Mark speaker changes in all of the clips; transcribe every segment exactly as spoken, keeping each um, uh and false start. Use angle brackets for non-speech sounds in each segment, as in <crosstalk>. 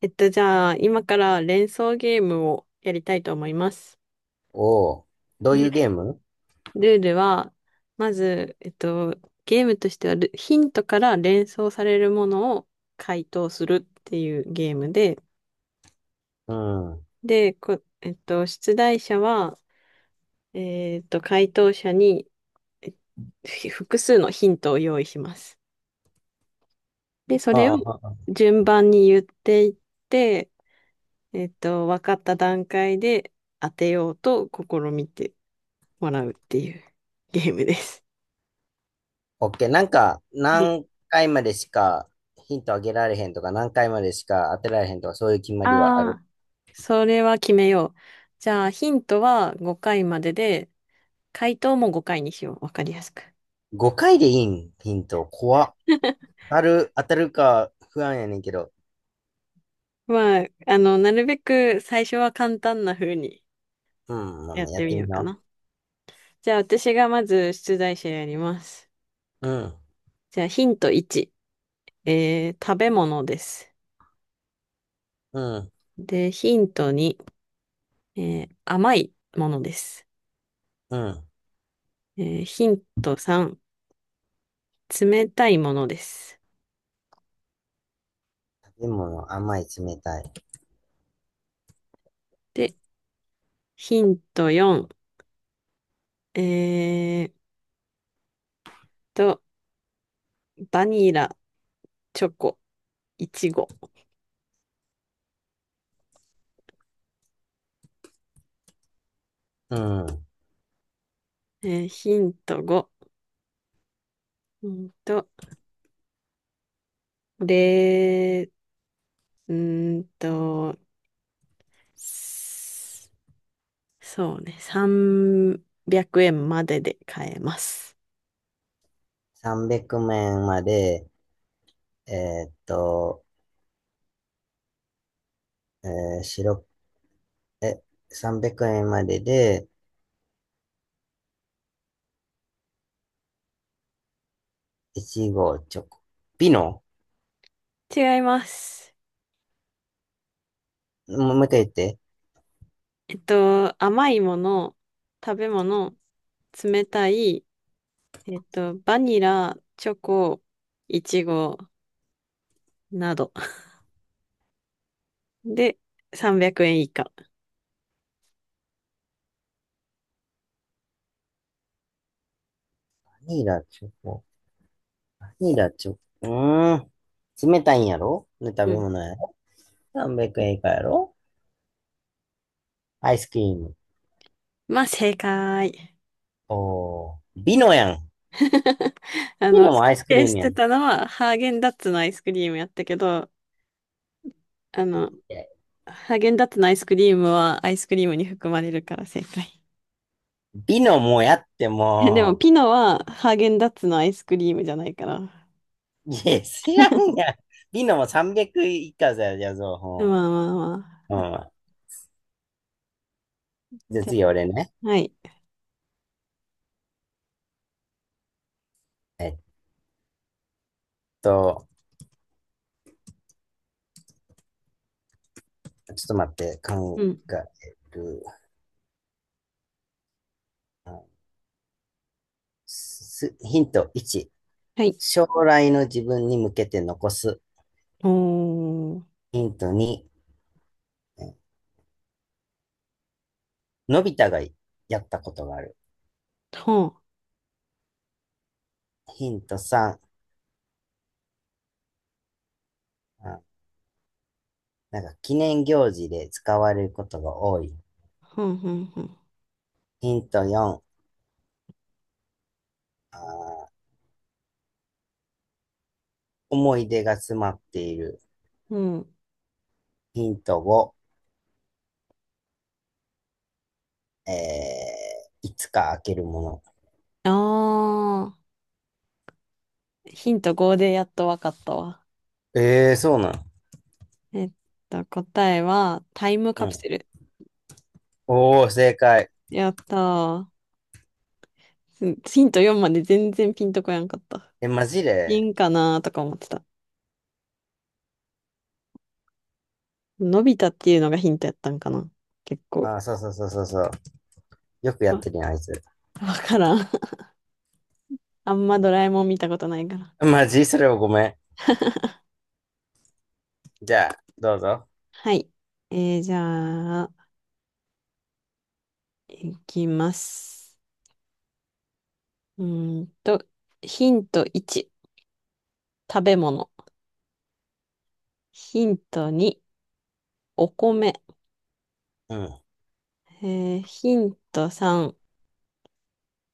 Speaker 1: えっと、じゃあ、今から連想ゲームをやりたいと思います。
Speaker 2: おお、どういうゲー
Speaker 1: で、
Speaker 2: ム？
Speaker 1: ルールは、まず、えっと、ゲームとしてはル、ヒントから連想されるものを回答するっていうゲームで、
Speaker 2: うん。あ
Speaker 1: で、こ、えっと、出題者は、えっと、回答者にえふ複数のヒントを用意します。で、それを
Speaker 2: あ、ああ、
Speaker 1: 順番に言っていって、えっと、分かった段階で当てようと試みてもらうっていうゲームです。
Speaker 2: オッケー。なんか、何回までしかヒントあげられへんとか、何回までしか当てられへんとか、そういう決まりはあ
Speaker 1: あ
Speaker 2: る？
Speaker 1: あー、それは決めよう。じゃあ、ヒントはごかいまでで、回答もごかいにしよう。わかりやすく。
Speaker 2: ごかいでいいん、ヒント。怖っ。
Speaker 1: <laughs>
Speaker 2: 当たる、当たるか不安やねんけど。
Speaker 1: まあ、あの、なるべく最初は簡単な風に
Speaker 2: うん、まあ
Speaker 1: や
Speaker 2: まあ
Speaker 1: っ
Speaker 2: や
Speaker 1: て
Speaker 2: っ
Speaker 1: み
Speaker 2: て
Speaker 1: よ
Speaker 2: み
Speaker 1: うか
Speaker 2: な。
Speaker 1: な。じゃあ、私がまず出題者やります。
Speaker 2: うん、
Speaker 1: じゃあ、ヒントいち、えー、食べ物です。
Speaker 2: うん、
Speaker 1: で、ヒントに、えー、甘いものです。
Speaker 2: うん。
Speaker 1: えーヒントさん、冷たいものです。
Speaker 2: 食べ物、甘い、冷たい。
Speaker 1: でヒントよん。えーっと、バニラ、チョコ、イチゴ。
Speaker 2: うん。
Speaker 1: えーヒントご。うんと、れー、うーんと、すそうね、さんびゃくえんまでで買えます。
Speaker 2: さんびゃくえんまで、えーっと、えー、白、え、さんびゃくえんまでで、いちご、チョコ。ピノ。
Speaker 1: 違います。
Speaker 2: もう一回言って。
Speaker 1: えっと、甘いもの、食べ物、冷たい、えっと、バニラ、チョコ、イチゴなどでさんびゃくえん以下。
Speaker 2: バニラチョコ。バニラチョコ。うーん。冷たいんやろね、食べ物やろ。さんびゃくえん以下やろ。アイスクリーム。
Speaker 1: まあ、正解。
Speaker 2: おー。ビノやん。
Speaker 1: <laughs> あ
Speaker 2: ビ
Speaker 1: の、
Speaker 2: ノ
Speaker 1: 否
Speaker 2: もアイスクリ
Speaker 1: 定
Speaker 2: ー
Speaker 1: し
Speaker 2: ムやん。
Speaker 1: て
Speaker 2: い
Speaker 1: たのは、ハーゲンダッツのアイスクリームやったけど、あの、
Speaker 2: や
Speaker 1: ハーゲンダッツのアイスクリームはアイスクリームに含まれるから正解。
Speaker 2: ビノもやって
Speaker 1: <laughs> いやでも、
Speaker 2: も
Speaker 1: ピノはハーゲンダッツのアイスクリームじゃないから。
Speaker 2: う。いや、知らんやん。ビノもさんびゃく以下だよ、じゃあ、
Speaker 1: ま
Speaker 2: そ
Speaker 1: あまあま
Speaker 2: う。う
Speaker 1: あ。
Speaker 2: ん。じゃあ
Speaker 1: じゃ
Speaker 2: 次俺ね。
Speaker 1: あ、はい。
Speaker 2: えっと、ちょっと待って、
Speaker 1: う
Speaker 2: 考
Speaker 1: ん。
Speaker 2: える。あすヒントいち。
Speaker 1: はい。
Speaker 2: 将来の自分に向けて残す。
Speaker 1: おー。
Speaker 2: ヒントに、のび太がやったことがある。
Speaker 1: ほん。
Speaker 2: ヒントさん、あなんか記念行事で使われることが多い。
Speaker 1: ほんほんほん。
Speaker 2: ヒントよん、あ思い出が詰まっている。
Speaker 1: うん。
Speaker 2: ヒントご、えー、いつか開けるもの。
Speaker 1: あー。ヒントごでやっとわかったわ。
Speaker 2: ええー、そうなん。
Speaker 1: えっと、答えは、タイム
Speaker 2: う
Speaker 1: カプ
Speaker 2: ん。
Speaker 1: セル。
Speaker 2: おー、正解。
Speaker 1: やったー。うん。ヒントよんまで全然ピンとこやんかった。
Speaker 2: え、マジ
Speaker 1: ピ
Speaker 2: で？
Speaker 1: ンかなーとか思ってた。のび太っていうのがヒントやったんかな。結構。
Speaker 2: あー、そうそうそうそうそう。よくやっ
Speaker 1: あ、
Speaker 2: てるやん、あいつ。
Speaker 1: わからん。<laughs> あんまドラえもん見たことないから。
Speaker 2: マジそれはごめん。じゃあ、どうぞ。
Speaker 1: はい。えー、じゃあ、いきます。うーんと、ヒントいち、食べ物。ヒントに、お米。
Speaker 2: うん。
Speaker 1: えー、ヒントさん、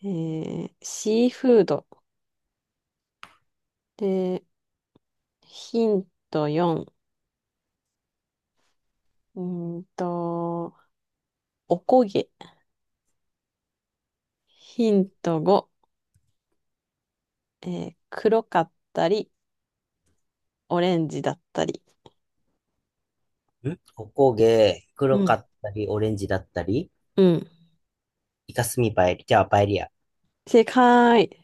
Speaker 1: えー、シーフード。で、ヒントよん、うーんと、おこげ。ヒントご、えー黒かったり、オレンジだったり。
Speaker 2: んおこげ、黒
Speaker 1: う
Speaker 2: か
Speaker 1: ん。
Speaker 2: ったり、オレンジだったり、
Speaker 1: うん。
Speaker 2: イカスミパエリ、じゃあパエリア。
Speaker 1: 正解。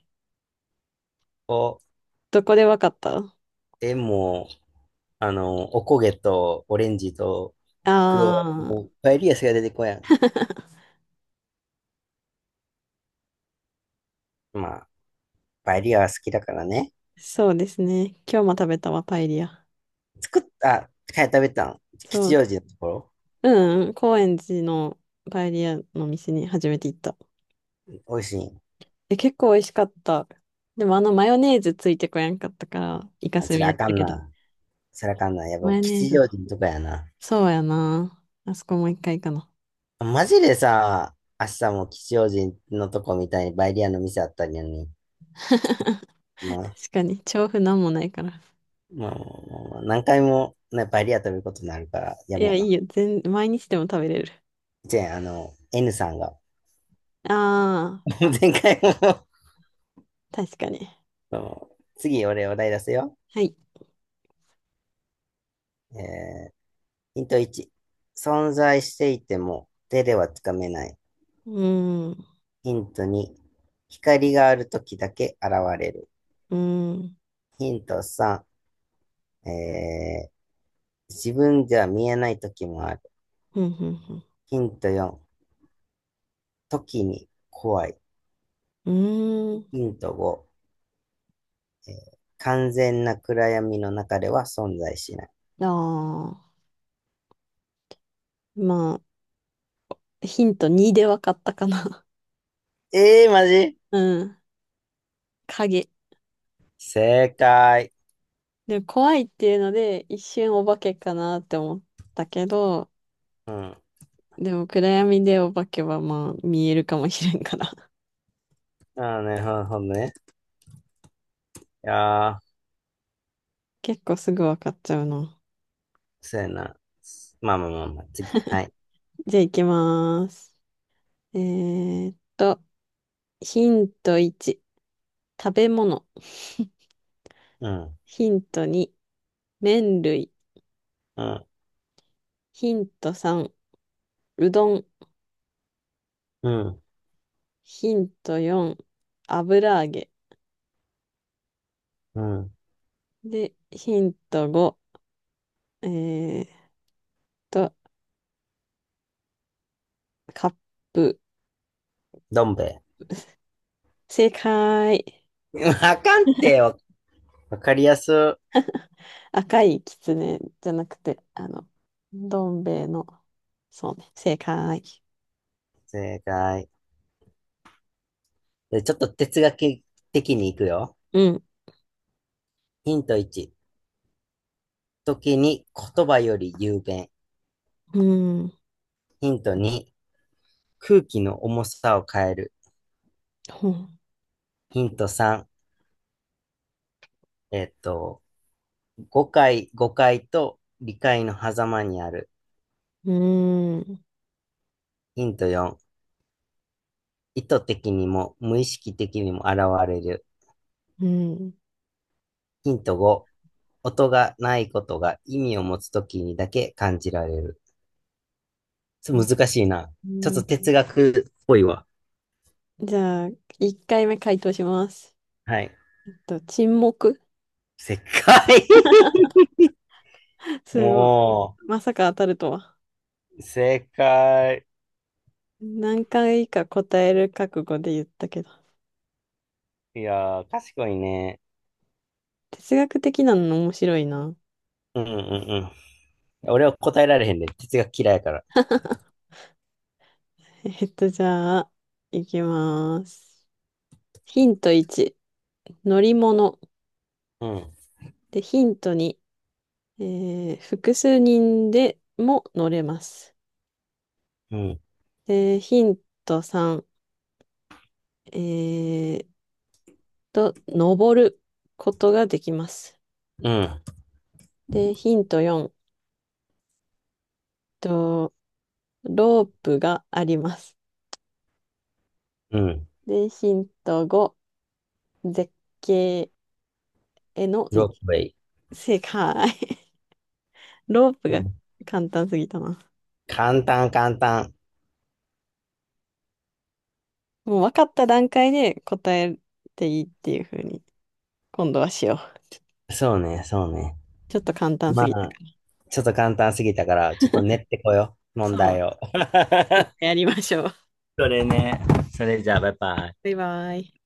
Speaker 2: を
Speaker 1: どこでわかった？あ
Speaker 2: でも、あの、おこげとオレンジと黒、
Speaker 1: あー、
Speaker 2: もうパエリアしか出てこやん。まあ、パエリアは好きだからね。
Speaker 1: <laughs> そうですね。今日も食べたわ、パエリア。
Speaker 2: 作った、かや食べたん？
Speaker 1: そ
Speaker 2: 吉
Speaker 1: う。
Speaker 2: 祥寺のところ？
Speaker 1: うんうん、高円寺のパエリアの店に初めて行った。
Speaker 2: 美味しい？
Speaker 1: え、結構美味しかった。でもあのマヨネーズついてこやんかったから、イカ
Speaker 2: あ、
Speaker 1: ス
Speaker 2: それ
Speaker 1: ミや
Speaker 2: あ
Speaker 1: っ
Speaker 2: か
Speaker 1: た
Speaker 2: ん
Speaker 1: けど。
Speaker 2: な。それあかんな。やっぱ
Speaker 1: マヨネー
Speaker 2: 吉
Speaker 1: ズ。
Speaker 2: 祥寺のとこやな。
Speaker 1: そうやな。あそこもう一回かな。
Speaker 2: マジでさ、明日も吉祥寺のとこみたいにパエリアの店あったりやね。
Speaker 1: <laughs> 確
Speaker 2: まあ、
Speaker 1: かに、調布なんもないから。
Speaker 2: まあ、まあまあまあ何回も、ね、パエリア食べることになるから、や
Speaker 1: い
Speaker 2: め
Speaker 1: や、
Speaker 2: よ
Speaker 1: いいよ。全、毎日でも食べれる。
Speaker 2: う。じゃあ、あの、N さんが、
Speaker 1: あ
Speaker 2: <laughs>
Speaker 1: あ、
Speaker 2: 前回も
Speaker 1: 確かに。
Speaker 2: <laughs> 次、俺お題出すよ。
Speaker 1: はい。
Speaker 2: えー、ヒントいち、存在していても手ではつかめない。
Speaker 1: うーん、う
Speaker 2: ヒントに、光がある時だけ現れる。
Speaker 1: ーん、
Speaker 2: ヒントさん、えー、自分では見えない時もある。
Speaker 1: ふんふんふん。
Speaker 2: ヒントよん、時に怖い。
Speaker 1: うーん。
Speaker 2: ヒントご、えー完全な暗闇の中では存在しない。
Speaker 1: ああ、まあ、ヒントにで分かったかな。
Speaker 2: えー、マジ？
Speaker 1: <laughs> うん。影。
Speaker 2: 正解。
Speaker 1: でも怖いっていうので、一瞬お化けかなって思ったけど、
Speaker 2: うん。あ
Speaker 1: でも暗闇でお化けはまあ見えるかもしれんから。<laughs>
Speaker 2: あね、ほんほんね。いやー、
Speaker 1: 結構すぐ分かっちゃうな。
Speaker 2: そうやな。まあまあまあまあ、次。はい。
Speaker 1: じゃあ行きます。えーっと、ヒントいち。食べ物。
Speaker 2: うん、
Speaker 1: ヒントに、麺類。
Speaker 2: うん、
Speaker 1: ヒントさん、うどん。
Speaker 2: うん、
Speaker 1: ヒントよん、油揚げ。
Speaker 2: うん。
Speaker 1: で、ヒントご、えーっと、カップ。
Speaker 2: どん兵衛。
Speaker 1: 正解。
Speaker 2: <laughs> わかんってよ。わかりやすい。
Speaker 1: 赤いきつねじゃなくて、あの、どん兵衛の、そうね、正解。
Speaker 2: 正解。で、ちょっと哲学的にいくよ。
Speaker 1: うん、
Speaker 2: ヒントいち。時に言葉より雄弁。
Speaker 1: うん、
Speaker 2: ヒントに。空気の重さを変える。
Speaker 1: ほん
Speaker 2: ヒントさん。えっと、誤解、誤解と理解の狭間にある。
Speaker 1: うん、う
Speaker 2: ヒントよん。意図的にも無意識的にも現れる。
Speaker 1: ん、
Speaker 2: ヒントご、音がないことが意味を持つときにだけ感じられる。ちょっと難しいな。
Speaker 1: う
Speaker 2: ちょっと
Speaker 1: ん。
Speaker 2: 哲学っぽいわ。
Speaker 1: じゃあ、いっかいめ回答します。
Speaker 2: はい。
Speaker 1: えっと、沈黙。
Speaker 2: 正解。
Speaker 1: <laughs>
Speaker 2: <laughs>
Speaker 1: すごい。
Speaker 2: も
Speaker 1: まさか当たるとは。
Speaker 2: う、正解。
Speaker 1: 何回か答える覚悟で言ったけど。
Speaker 2: いやー、賢いね。
Speaker 1: 哲学的なの面白いな。
Speaker 2: うんうんうん。俺は答えられへんで、ね哲学嫌いやから。
Speaker 1: <laughs> えっと、じゃあ、いきまーす。ヒントいち、乗り物。
Speaker 2: うん、
Speaker 1: で、ヒントに、えー複数人でも乗れます。
Speaker 2: うん、
Speaker 1: で、ヒントさん、えーと、登ることができます。
Speaker 2: うん、
Speaker 1: で、ヒントよん、と、ロープがあります。
Speaker 2: うん。
Speaker 1: で、ヒントご、絶景への道。
Speaker 2: ロープウェイ。
Speaker 1: 正解。<laughs> ロープ
Speaker 2: う
Speaker 1: が
Speaker 2: ん。
Speaker 1: 簡単すぎたな。
Speaker 2: 簡単、簡単。
Speaker 1: もう分かった段階で答えていいっていう風に、今度はしよう。
Speaker 2: そうね、そうね。
Speaker 1: ちょっと簡単す
Speaker 2: ま
Speaker 1: ぎたか
Speaker 2: あ、
Speaker 1: ら。
Speaker 2: ちょっと簡単すぎたから、ちょっと練ってこよう、問
Speaker 1: そ
Speaker 2: 題
Speaker 1: う。
Speaker 2: を。
Speaker 1: また
Speaker 2: <laughs>
Speaker 1: やりましょう。
Speaker 2: それね。それじゃあ、バイバイ。
Speaker 1: バイバイ。